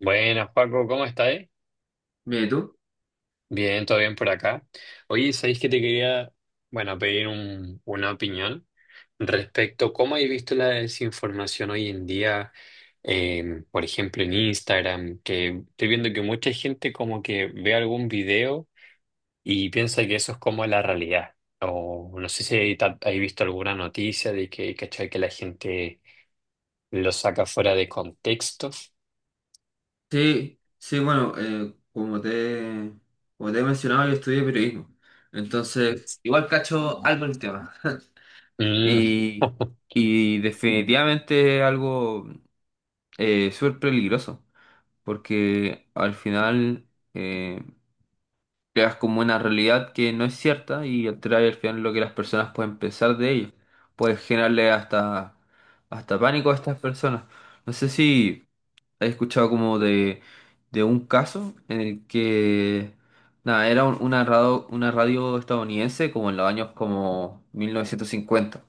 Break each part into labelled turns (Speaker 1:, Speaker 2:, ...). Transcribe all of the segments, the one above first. Speaker 1: Buenas, Paco, ¿cómo estáis?
Speaker 2: Bien, ¿y tú?
Speaker 1: Bien, todo bien por acá. Oye, ¿sabéis que te quería, bueno, pedir una opinión respecto a cómo habéis visto la desinformación hoy en día, por ejemplo, en Instagram, que estoy viendo que mucha gente como que ve algún video y piensa que eso es como la realidad. O no sé si hay visto alguna noticia de que, ¿cachai? Que la gente lo saca fuera de contexto.
Speaker 2: Sí, sí, bueno, como te he mencionado, yo estudié periodismo. Entonces, igual cacho algo en el tema.
Speaker 1: Mm.
Speaker 2: Y, y definitivamente es algo súper peligroso, porque al final eh, creas como una realidad que no es cierta y trae al final lo que las personas pueden pensar de ello. Puedes generarle hasta pánico a estas personas. No sé si he escuchado como de un caso en el que, nada, era una radio estadounidense como en los años como 1950.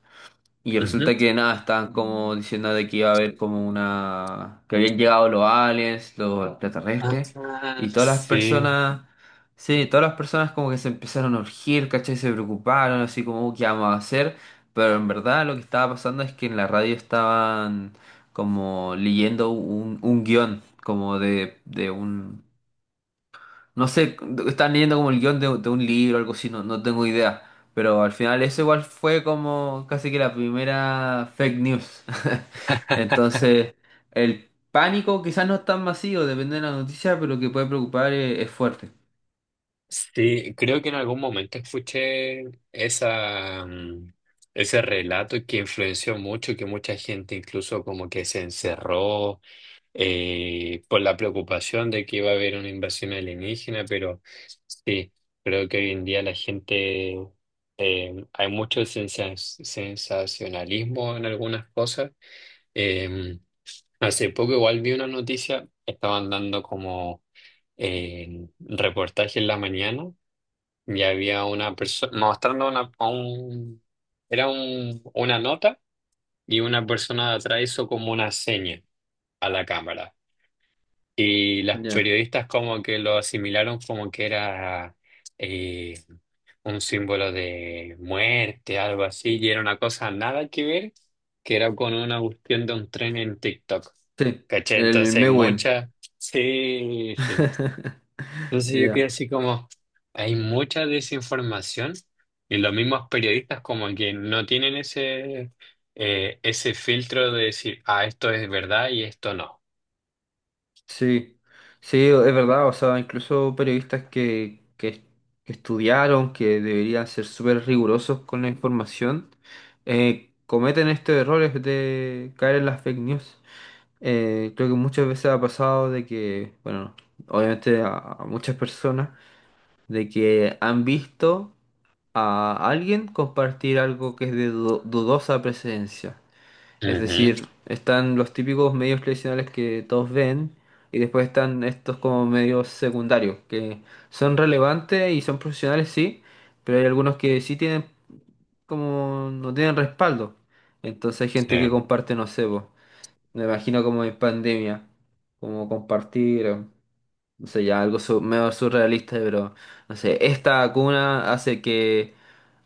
Speaker 2: Y
Speaker 1: Ujú.
Speaker 2: resulta que nada, estaban como diciendo de que iba a haber como una, que habían llegado los aliens, los extraterrestres,
Speaker 1: Ah,
Speaker 2: y todas las
Speaker 1: sí,
Speaker 2: personas, sí, todas las personas como que se empezaron a urgir, ¿cachai? Se preocuparon, así como, ¿qué vamos a hacer?" Pero en verdad lo que estaba pasando es que en la radio estaban como leyendo un guión, como de un, no sé, están leyendo como el guión de un libro o algo así, no tengo idea. Pero al final eso igual fue como casi que la primera fake news. Entonces, el pánico quizás no es tan masivo, depende de la noticia, pero que puede preocupar es fuerte.
Speaker 1: sí, creo que en algún momento escuché esa, mm, ese relato que influenció mucho, que mucha gente incluso como que se encerró por la preocupación de que iba a haber una invasión alienígena, pero sí, creo que hoy en día la gente, hay mucho sensacionalismo en algunas cosas. Em, Hace poco igual vi una noticia, estaban dando como en reportaje en la mañana y había una persona mostrando una, a un, una nota, y una persona de atrás hizo como una seña a la cámara. Y las
Speaker 2: Ya.
Speaker 1: periodistas como que lo asimilaron como que era eh, un símbolo de muerte, algo así, y era una cosa nada que ver, que era con una cuestión de un tren en TikTok.
Speaker 2: Sí,
Speaker 1: ¿Cachai?
Speaker 2: el
Speaker 1: Entonces
Speaker 2: Mewen.
Speaker 1: muchas... Sí, sí. Entonces yo quedé
Speaker 2: Ya.
Speaker 1: así como, hay mucha desinformación y los mismos periodistas como que no tienen ese, ese filtro de decir, ah, esto es verdad y esto no.
Speaker 2: Sí, sí, es verdad, o sea, incluso periodistas que que estudiaron, que deberían ser súper rigurosos con la información, cometen estos errores de caer en las fake news. Creo que muchas veces ha pasado de que, bueno, obviamente a muchas personas, de que han visto a alguien compartir algo que es de dudosa presencia. Es
Speaker 1: Ujú,
Speaker 2: decir, están los típicos medios tradicionales que todos ven y después están estos como medios secundarios que son relevantes y son profesionales, sí, pero hay algunos que sí tienen como no tienen respaldo. Entonces hay gente que
Speaker 1: sí.
Speaker 2: comparte, no sé, po, me imagino como en pandemia, como compartir, no sé, ya algo medio surrealista, pero no sé, esta vacuna hace que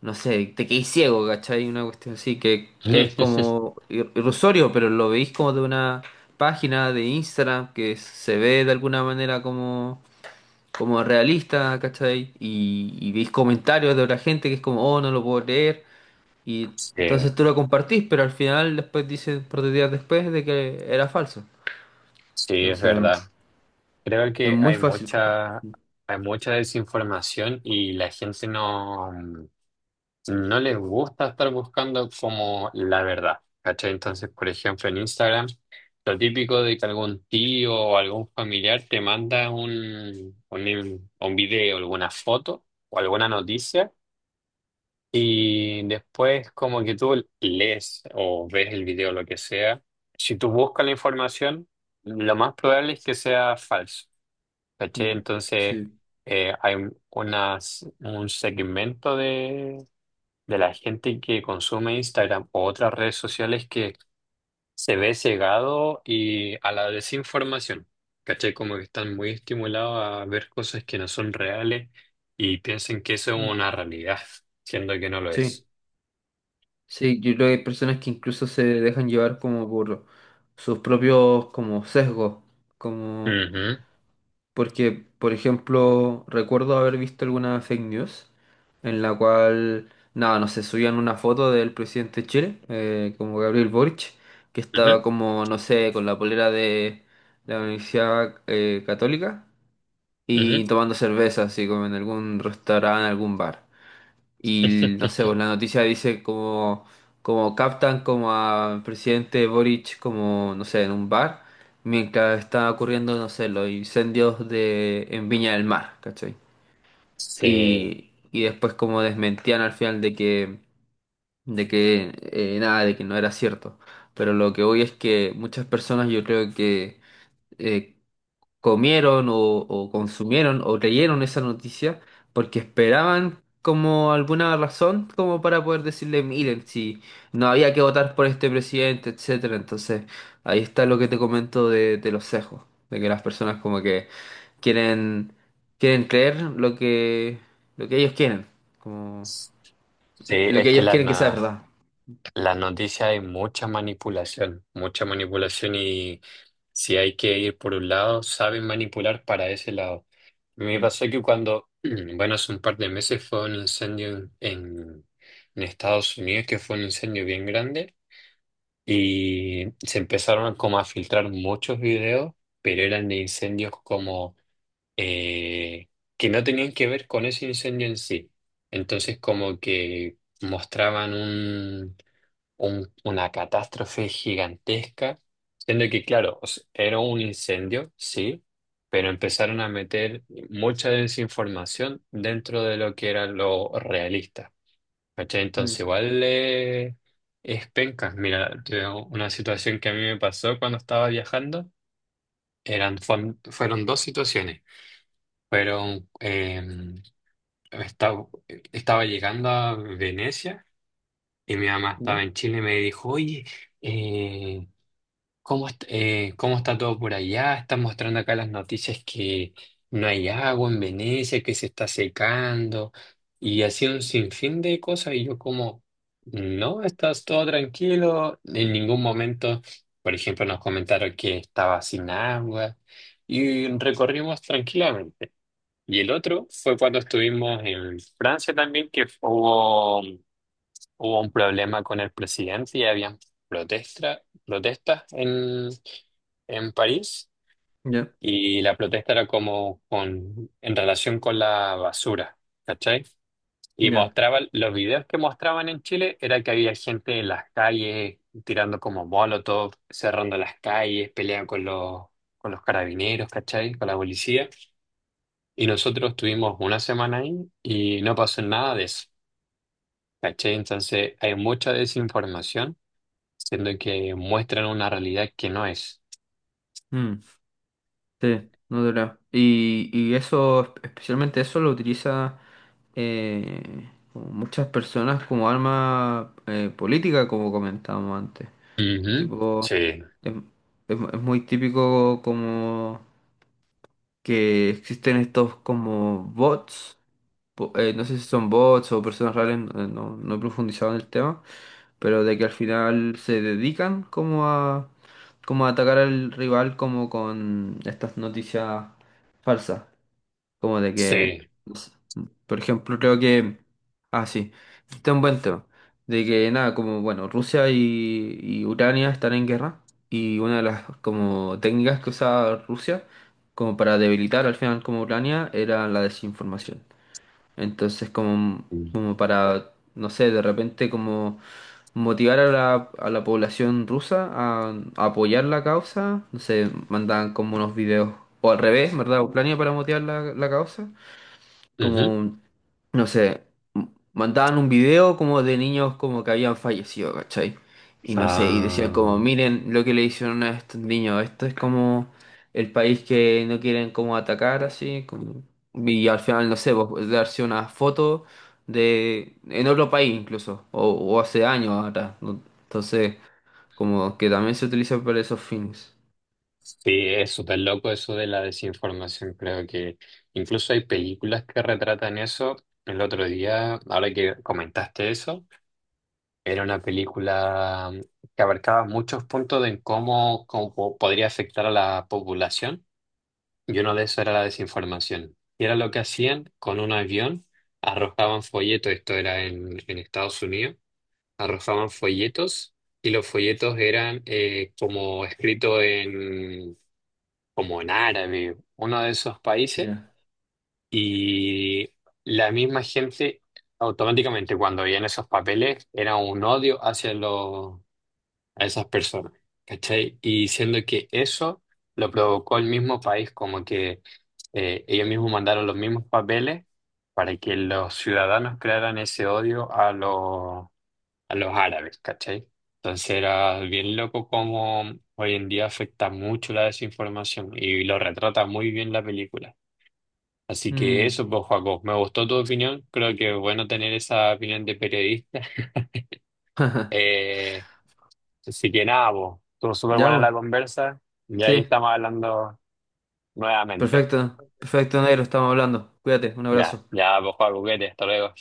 Speaker 2: no sé, te quedís ciego, ¿cachai? Una cuestión así que es como irrisorio, pero lo veis como de una página de Instagram que se ve de alguna manera como realista, ¿cachai? Y veis comentarios de otra gente que es como, oh, no lo puedo creer. Y
Speaker 1: Sí,
Speaker 2: entonces tú lo compartís, pero al final después dices, por dos días después, de que era falso.
Speaker 1: sí, es
Speaker 2: Entonces,
Speaker 1: verdad. Creo
Speaker 2: es
Speaker 1: que
Speaker 2: muy fácil compartir.
Speaker 1: hay mucha desinformación y la gente no. No les gusta estar buscando como la verdad, ¿cachai? Entonces, por ejemplo, en Instagram, lo típico de que algún tío o algún familiar te manda un video, alguna foto o alguna noticia, y después como que tú lees o ves el video, lo que sea, si tú buscas la información, lo más probable es que sea falso, ¿cachai?
Speaker 2: Mm,
Speaker 1: Entonces,
Speaker 2: sí.
Speaker 1: hay unas, un segmento de la gente que consume Instagram o otras redes sociales que se ve cegado y a la desinformación. ¿Cachai? Como que están muy estimulados a ver cosas que no son reales y piensan que eso es
Speaker 2: Mm.
Speaker 1: una realidad, siendo que no lo
Speaker 2: Sí.
Speaker 1: es.
Speaker 2: Sí, yo creo que hay personas que incluso se dejan llevar como por sus propios como sesgos, como
Speaker 1: Ujú,
Speaker 2: porque, por ejemplo, recuerdo haber visto alguna fake news en la cual, nada, no sé, subían una foto del presidente de Chile, como Gabriel Boric, que estaba como, no sé, con la polera de la Universidad Católica
Speaker 1: ujú, ujú.
Speaker 2: y tomando cerveza, así como en algún restaurante, en algún bar. Y no sé, pues la noticia dice como, como captan como al presidente Boric como, no sé, en un bar, mientras está ocurriendo, no sé, los incendios de, en Viña del Mar, ¿cachai?
Speaker 1: Sí,
Speaker 2: Y después como desmentían al final de que nada, de que no era cierto. Pero lo que hoy es que muchas personas yo creo que eh, comieron o consumieron o creyeron esa noticia porque esperaban como alguna razón como para poder decirle, miren, si no había que votar por este presidente, etcétera. Entonces, ahí está lo que te comento de los sesgos, de que las personas como que quieren quieren creer lo que ellos quieren, como
Speaker 1: sí,
Speaker 2: lo
Speaker 1: es
Speaker 2: que
Speaker 1: que
Speaker 2: ellos
Speaker 1: la,
Speaker 2: quieren que sea verdad.
Speaker 1: las noticias hay mucha manipulación y si hay que ir por un lado, saben manipular para ese lado. Me
Speaker 2: Mm.
Speaker 1: pasó que cuando, bueno, hace un par de meses fue un incendio en, en Estados Unidos, que fue un incendio bien grande, y se empezaron como a filtrar muchos videos, pero eran de incendios como eh, que no tenían que ver con ese incendio en sí. Entonces como que mostraban un una catástrofe gigantesca, siendo que, claro, o sea, era un incendio, sí, pero empezaron a meter mucha desinformación dentro de lo que era lo realista. ¿Cachai?
Speaker 2: Mm.
Speaker 1: Entonces, igual es penca. Mira, te digo, una situación que a mí me pasó cuando estaba viajando, eran, fueron dos situaciones. Fueron, estaba, estaba llegando a Venecia y mi mamá estaba
Speaker 2: Ya,
Speaker 1: en Chile y me dijo, oye, eh, ¿cómo, cómo está todo por allá? Están mostrando acá las noticias que no hay agua en Venecia, que se está secando y así un sinfín de cosas. Y yo como, no, estás todo tranquilo, en ningún momento, por ejemplo, nos comentaron que estaba sin agua y recorrimos tranquilamente. Y el otro fue cuando estuvimos en Francia también, que hubo un problema con el presidente y habían protestas en París,
Speaker 2: ya,
Speaker 1: y la protesta era como con, en relación con la basura, ¿cachai? Y
Speaker 2: ya.
Speaker 1: mostraba, los videos que mostraban en Chile era que había gente en las calles tirando como molotov, cerrando las calles, peleando con los carabineros, ¿cachai? Con la policía. Y nosotros estuvimos una semana ahí y no pasó nada de eso, ¿cachai? Entonces hay mucha desinformación, siendo que muestran una realidad que no es.
Speaker 2: Sí, no te creo. Y eso, especialmente eso lo utiliza como muchas personas como arma política, como comentábamos antes.
Speaker 1: Ujú,
Speaker 2: Tipo,
Speaker 1: sí,
Speaker 2: es, es muy típico como que existen estos como bots, no sé si son bots o personas reales, no, no he profundizado en el tema, pero de que al final se dedican como como a atacar al rival como con estas noticias falsas. Como de que,
Speaker 1: sí.
Speaker 2: no sé, por ejemplo, creo que, ah, sí, este es un buen tema, de que nada, como, bueno, Rusia y Ucrania están en guerra y una de las como técnicas que usaba Rusia como para debilitar al final como Ucrania era la desinformación. Entonces, como, como para, no sé, de repente como motivar a a la población rusa a apoyar la causa, no sé, mandaban como unos videos, o al revés, ¿verdad? Ucrania para motivar la causa
Speaker 1: Ujú.
Speaker 2: como, no sé, mandaban un video como de niños como que habían fallecido, ¿cachai? Y no sé, y
Speaker 1: Ah,
Speaker 2: decían como, miren lo que le hicieron a estos niños, esto es como el país que no quieren como atacar así, como, y al final, no sé, pues, darse una foto de, en otro país incluso, o hace años atrás, ¿no? Entonces, como que también se utiliza para esos fines.
Speaker 1: sí, es súper loco eso de la desinformación. Creo que incluso hay películas que retratan eso. El otro día, ahora que comentaste eso, era una película que abarcaba muchos puntos de en cómo, podría afectar a la población. Y uno de esos era la desinformación. Y era lo que hacían con un avión, arrojaban folletos, esto era en Estados Unidos, arrojaban folletos y los folletos eran como escrito en, como en árabe, uno de esos países.
Speaker 2: Ya.
Speaker 1: Y la misma gente automáticamente cuando veían esos papeles era un odio hacia los, a esas personas, ¿cachai? Y diciendo que eso lo provocó el mismo país, como que ellos mismos mandaron los mismos papeles para que los ciudadanos crearan ese odio a los árabes, ¿cachai? Entonces era bien loco como hoy en día afecta mucho la desinformación y lo retrata muy bien la película. Así que
Speaker 2: Mm.
Speaker 1: eso, pues, Joaco, me gustó tu opinión. Creo que es bueno tener esa opinión de periodista. Eh, Así que nada, po, estuvo súper
Speaker 2: Ya,
Speaker 1: buena
Speaker 2: vos.
Speaker 1: la conversa y ahí
Speaker 2: Sí,
Speaker 1: estamos hablando nuevamente.
Speaker 2: perfecto, perfecto, negro, estamos hablando. Cuídate, un
Speaker 1: Ya,
Speaker 2: abrazo.
Speaker 1: ya, pues, Juan Buquete, hasta luego.